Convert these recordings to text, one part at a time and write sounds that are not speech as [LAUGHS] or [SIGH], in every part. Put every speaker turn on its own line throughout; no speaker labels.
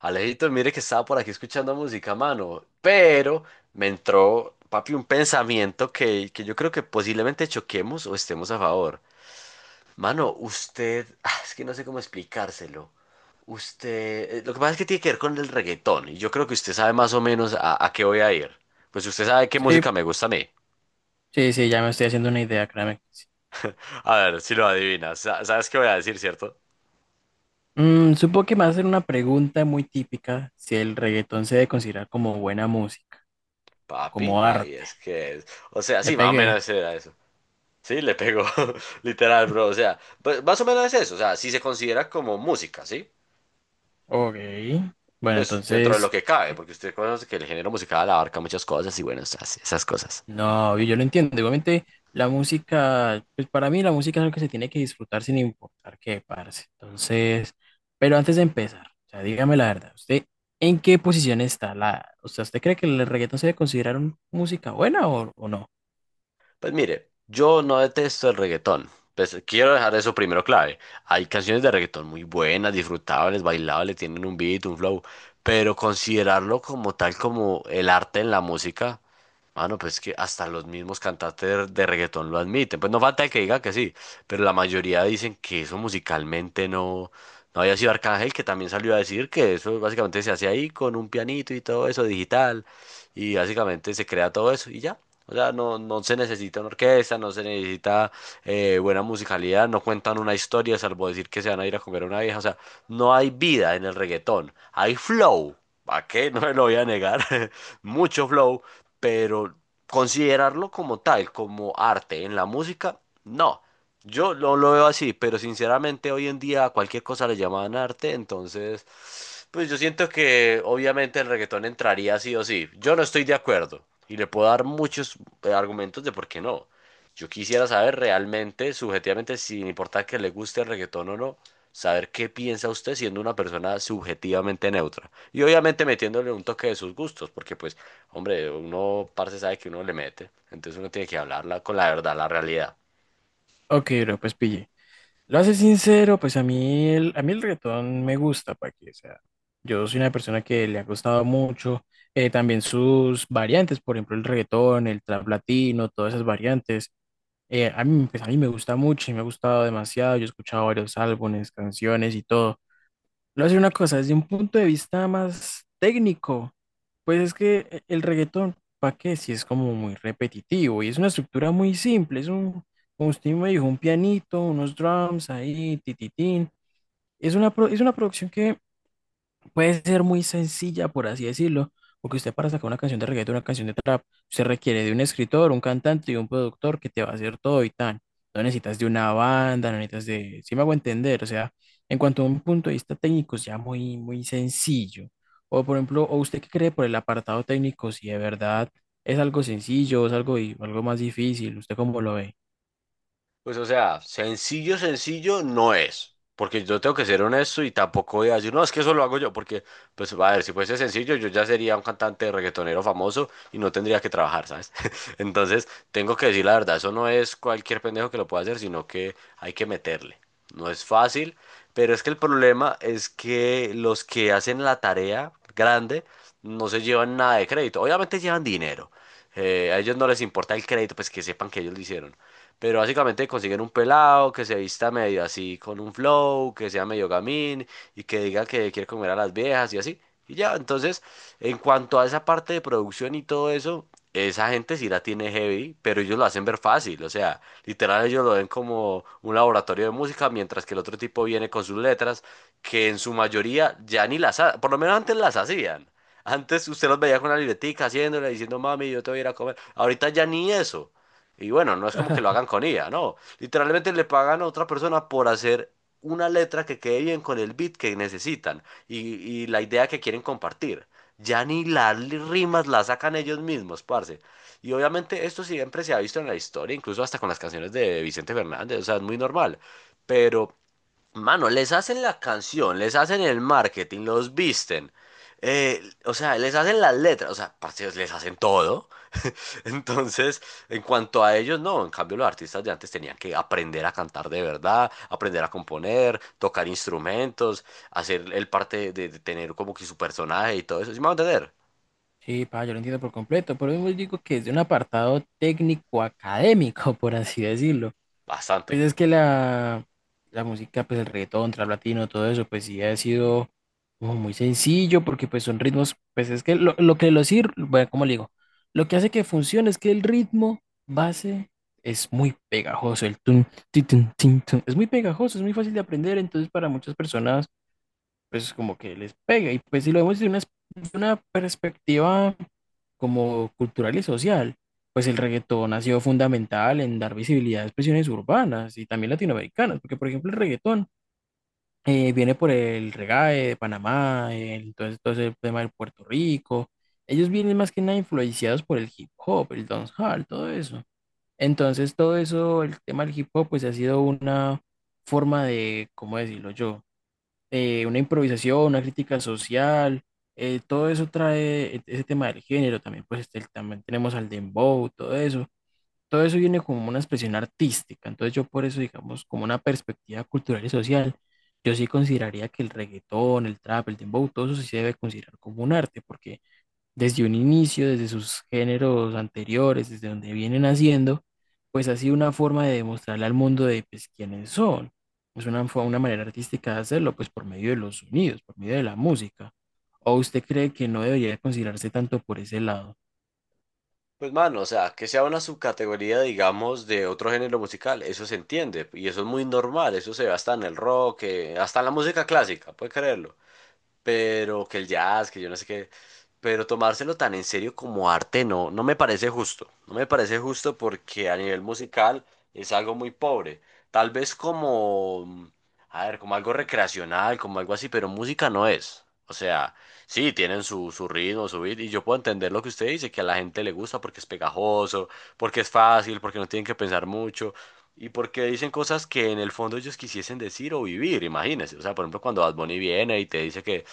Alejito, mire que estaba por aquí escuchando música, mano, pero me entró, papi, un pensamiento que yo creo que posiblemente choquemos o estemos a favor. Mano, usted, es que no sé cómo explicárselo. Usted, lo que pasa es que tiene que ver con el reggaetón y yo creo que usted sabe más o menos a qué voy a ir. Pues usted sabe qué
Sí,
música me gusta a mí.
sí, sí, ya me estoy haciendo una idea, créame que sí.
A ver, si lo adivinas, ¿sabes qué voy a decir, cierto?
Mm, supongo que me va a hacer una pregunta muy típica si el reggaetón se debe considerar como buena música o
Papi,
como
ahí
arte.
es que es. O sea,
Le
sí, más o
pegué.
menos era eso. Sí, le pegó, [LAUGHS] literal, bro. O sea, pues, más o menos es eso. O sea, si se considera como música, ¿sí?
Ok. Bueno,
Pues dentro de lo
entonces,
que cabe,
¿qué?
porque usted conoce que el género musical abarca muchas cosas y bueno, esas cosas.
No, yo lo entiendo. Igualmente, la música, pues para mí la música es algo que se tiene que disfrutar sin importar qué, parce. Entonces, pero antes de empezar, o sea, dígame la verdad, ¿usted en qué posición está la, o sea, ¿usted cree que el reggaetón se debe considerar música buena o no?
Pues mire, yo no detesto el reggaetón. Pues quiero dejar eso primero clave. Hay canciones de reggaetón muy buenas, disfrutables, bailables, tienen un beat, un flow, pero considerarlo como tal como el arte en la música, mano, pues que hasta los mismos cantantes de reggaetón lo admiten. Pues no falta el que diga que sí, pero la mayoría dicen que eso musicalmente no, no había sido Arcángel, que también salió a decir que eso básicamente se hace ahí con un pianito y todo eso digital y básicamente se crea todo eso y ya. O sea, no se necesita una orquesta, no se necesita buena musicalidad, no cuentan una historia salvo decir que se van a ir a comer a una vieja. O sea, no hay vida en el reggaetón, hay flow. ¿Para qué? [LAUGHS] No me lo voy a negar. [LAUGHS] Mucho flow, pero considerarlo como tal, como arte en la música, no. Yo lo veo así, pero sinceramente hoy en día a cualquier cosa le llaman arte, entonces, pues yo siento que obviamente el reggaetón entraría sí o sí. Yo no estoy de acuerdo y le puedo dar muchos argumentos de por qué no. Yo quisiera saber realmente, subjetivamente, sin importar que le guste el reggaetón o no, saber qué piensa usted siendo una persona subjetivamente neutra. Y obviamente metiéndole un toque de sus gustos, porque pues, hombre, uno, parce, sabe que uno le mete, entonces uno tiene que hablarla con la verdad, la realidad.
Ok, bro, pues pille. Lo hace sincero, pues a mí el reggaetón me gusta, para que, o sea, yo soy una persona que le ha gustado mucho, también sus variantes, por ejemplo, el reggaetón, el trap latino, todas esas variantes, a mí, a mí me gusta mucho y me ha gustado demasiado, yo he escuchado varios álbumes, canciones y todo. Le voy a decir una cosa, desde un punto de vista más técnico, pues es que el reggaetón, ¿para qué? Si es como muy repetitivo y es una estructura muy simple, es un, como usted me dijo, un pianito, unos drums ahí, tititín. Es una, es una producción que puede ser muy sencilla, por así decirlo, porque usted para sacar una canción de reggaetón, una canción de trap, usted requiere de un escritor, un cantante y un productor que te va a hacer todo y tan. No necesitas de una banda, no necesitas de, si me hago entender, o sea, en cuanto a un punto de vista técnico, es ya muy sencillo. O por ejemplo, ¿o usted qué cree por el apartado técnico? Si de verdad es algo sencillo, es algo, algo más difícil, ¿usted cómo lo ve?
Pues o sea, sencillo, sencillo no es, porque yo tengo que ser honesto y tampoco voy a decir, no, es que eso lo hago yo, porque, pues, a ver, si fuese sencillo, yo ya sería un cantante reggaetonero famoso y no tendría que trabajar, ¿sabes? [LAUGHS] Entonces, tengo que decir la verdad, eso no es cualquier pendejo que lo pueda hacer, sino que hay que meterle. No es fácil, pero es que el problema es que los que hacen la tarea grande no se llevan nada de crédito, obviamente llevan dinero. A ellos no les importa el crédito, pues que sepan que ellos lo hicieron. Pero básicamente consiguen un pelado que se vista medio así con un flow, que sea medio gamín y que diga que quiere comer a las viejas y así. Y ya, entonces, en cuanto a esa parte de producción y todo eso, esa gente sí la tiene heavy, pero ellos lo hacen ver fácil. O sea, literal ellos lo ven como un laboratorio de música, mientras que el otro tipo viene con sus letras, que en su mayoría ya ni por lo menos antes las hacían. Antes usted los veía con una libretica haciéndole, diciendo, mami, yo te voy a ir a comer. Ahorita ya ni eso. Y bueno, no es como que lo hagan con IA, no. Literalmente le pagan a otra persona por hacer una letra que quede bien con el beat que necesitan y, y la idea que quieren compartir. Ya ni las rimas las sacan ellos mismos, parce. Y obviamente esto siempre se ha visto en la historia, incluso hasta con las canciones de Vicente Fernández, o sea, es muy normal. Pero, mano, les hacen la canción, les hacen el marketing, los visten, o sea, les hacen las letras, o sea, parce, les hacen todo. Entonces, en cuanto a ellos, no, en cambio los artistas de antes tenían que aprender a cantar de verdad, aprender a componer, tocar instrumentos, hacer el parte de tener como que su personaje y todo eso, ¿sí me van a entender?
Sí, pa, yo lo entiendo por completo, pero yo digo que es de un apartado técnico académico, [LAUGHS] por así decirlo. Pues
Bastante.
es que la música, pues el reggaetón, trap latino, todo eso, pues sí ha sido como muy sencillo porque pues son ritmos, pues es que lo que lo sirve, bueno, ¿cómo le digo? Lo que hace que funcione es que el ritmo base es muy pegajoso, el tun, ti, tun, tin, tun, es muy pegajoso, es muy fácil de aprender, entonces para muchas personas pues como que les pega. Y pues si lo vemos de una perspectiva como cultural y social, pues el reggaetón ha sido fundamental en dar visibilidad a expresiones urbanas y también latinoamericanas, porque por ejemplo el reggaetón viene por el reggae de Panamá, todo, todo ese tema de Puerto Rico. Ellos vienen más que nada influenciados por el hip hop, el dancehall, todo eso. Entonces todo eso, el tema del hip hop, pues ha sido una forma de, ¿cómo decirlo yo? Una improvisación, una crítica social, todo eso trae ese tema del género, también pues este, también tenemos al dembow, todo eso viene como una expresión artística, entonces yo por eso digamos como una perspectiva cultural y social, yo sí consideraría que el reggaetón, el trap, el dembow, todo eso sí se debe considerar como un arte, porque desde un inicio, desde sus géneros anteriores, desde donde vienen haciendo, pues ha sido una forma de demostrarle al mundo de pues, quiénes son. Es una, fue una manera artística de hacerlo, pues por medio de los sonidos, por medio de la música. ¿O usted cree que no debería considerarse tanto por ese lado?
Pues mano, o sea, que sea una subcategoría, digamos, de otro género musical, eso se entiende, y eso es muy normal, eso se ve hasta en el rock, hasta en la música clásica, puede creerlo. Pero que el jazz, que yo no sé qué, pero tomárselo tan en serio como arte no, no me parece justo, no me parece justo porque a nivel musical es algo muy pobre, tal vez como, a ver, como algo recreacional, como algo así, pero música no es, o sea, sí, tienen su ritmo, su beat, y yo puedo entender lo que usted dice, que a la gente le gusta porque es pegajoso, porque es fácil, porque no tienen que pensar mucho. Y porque dicen cosas que en el fondo ellos quisiesen decir o vivir, imagínense. O sea, por ejemplo, cuando Bad Bunny viene y te dice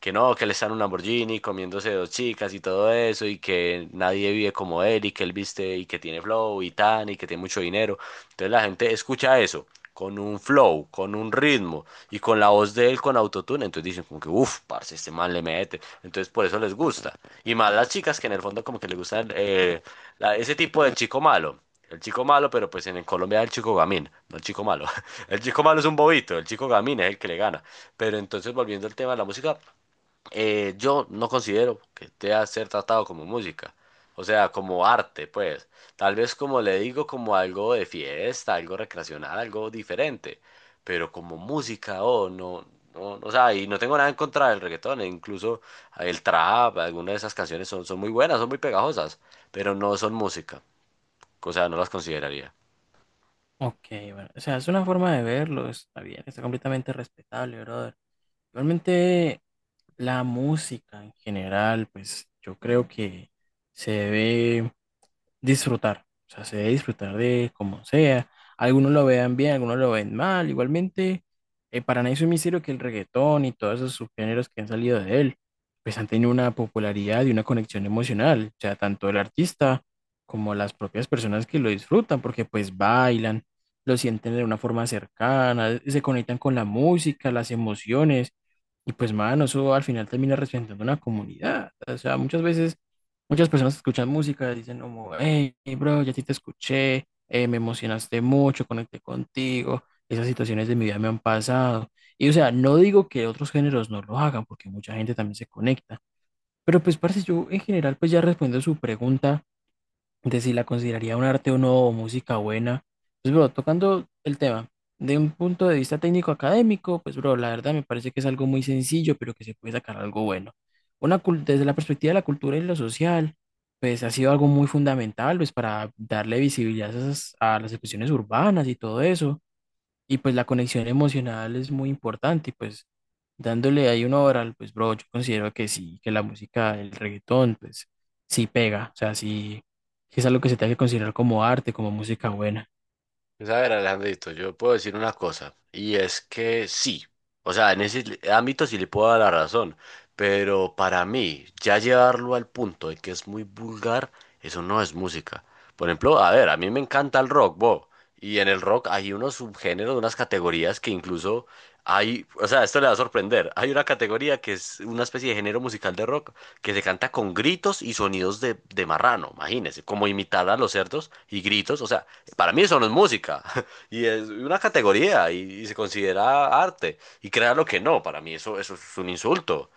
que no, que él está en un Lamborghini comiéndose dos chicas y todo eso, y que nadie vive como él, y que él viste y que tiene flow y tan, y que tiene mucho dinero. Entonces la gente escucha eso con un flow, con un ritmo y con la voz de él con autotune, entonces dicen como que, uff, parce, este man le mete, entonces por eso les gusta. Y más las chicas que en el fondo como que les gustan ese tipo del chico malo. El chico malo, pero pues en Colombia es el chico gamín, no el chico malo. [LAUGHS] El chico malo es un bobito, el chico gamín es el que le gana. Pero entonces, volviendo al tema de la música, yo no considero que deba ser tratado como música, o sea, como arte, pues. Tal vez como le digo, como algo de fiesta, algo recreacional, algo diferente, pero como música, oh, no, no, o sea, y no tengo nada en contra del reggaetón, e incluso el trap, algunas de esas canciones son muy buenas, son muy pegajosas, pero no son música, o sea, no las consideraría.
Ok, bueno, o sea, es una forma de verlo, está bien, está completamente respetable, brother. Igualmente, la música en general, pues yo creo que se debe disfrutar. O sea, se debe disfrutar de como sea. Algunos lo vean bien, algunos lo ven mal. Igualmente, para nadie es un misterio que el reggaetón y todos esos subgéneros que han salido de él, pues han tenido una popularidad y una conexión emocional. O sea, tanto el artista como las propias personas que lo disfrutan, porque pues bailan, lo sienten de una forma cercana, se conectan con la música, las emociones. Y pues, mano, eso al final termina representando una comunidad. O sea, muchas veces muchas personas escuchan música, dicen como, hey, bro, ya a ti te escuché, me emocionaste mucho, conecté contigo, esas situaciones de mi vida me han pasado. Y o sea, no digo que otros géneros no lo hagan, porque mucha gente también se conecta. Pero pues, parce, yo en general, pues ya respondo a su pregunta, de si la consideraría un arte o no, o música buena. Pues, bro, tocando el tema de un punto de vista técnico académico, pues, bro, la verdad me parece que es algo muy sencillo, pero que se puede sacar algo bueno. Una, desde la perspectiva de la cultura y lo social, pues ha sido algo muy fundamental, pues, para darle visibilidad a, a las expresiones urbanas y todo eso y pues la conexión emocional es muy importante, y pues dándole ahí una hora, pues bro, yo considero que sí, que la música, el reggaetón, pues sí pega, o sea, sí, sí es algo que se tiene que considerar como arte, como música buena.
Pues, a ver, Alejandrito, yo puedo decir una cosa, y es que sí, o sea, en ese ámbito sí le puedo dar la razón, pero para mí, ya llevarlo al punto de que es muy vulgar, eso no es música. Por ejemplo, a ver, a mí me encanta el rock, bo, y en el rock hay unos subgéneros, unas categorías que incluso hay, o sea, esto le va a sorprender. Hay una categoría que es una especie de género musical de rock que se canta con gritos y sonidos de marrano, imagínense, como imitar a los cerdos y gritos. O sea, para mí eso no es música. [LAUGHS] Y es una categoría y se considera arte. Y créalo que no, para mí eso, eso es un insulto.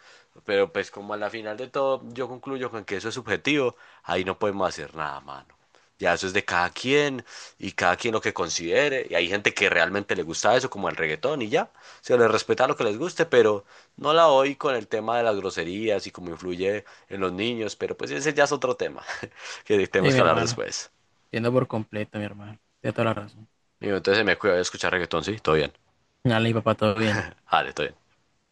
Pero pues como a la final de todo yo concluyo con que eso es subjetivo, ahí no podemos hacer nada, mano. Ya eso es de cada quien y cada quien lo que considere. Y hay gente que realmente le gusta eso, como el reggaetón y ya. Se les respeta lo que les guste, pero no la oí con el tema de las groserías y cómo influye en los niños. Pero pues ese ya es otro tema [LAUGHS] que
Ey,
tenemos
mi
que hablar
hermano,
después.
entiendo por completo, mi hermano, tiene toda la razón.
Y entonces me cuido de escuchar reggaetón, sí, todo bien.
Dale, mi papá, todo bien.
Vale, todo bien.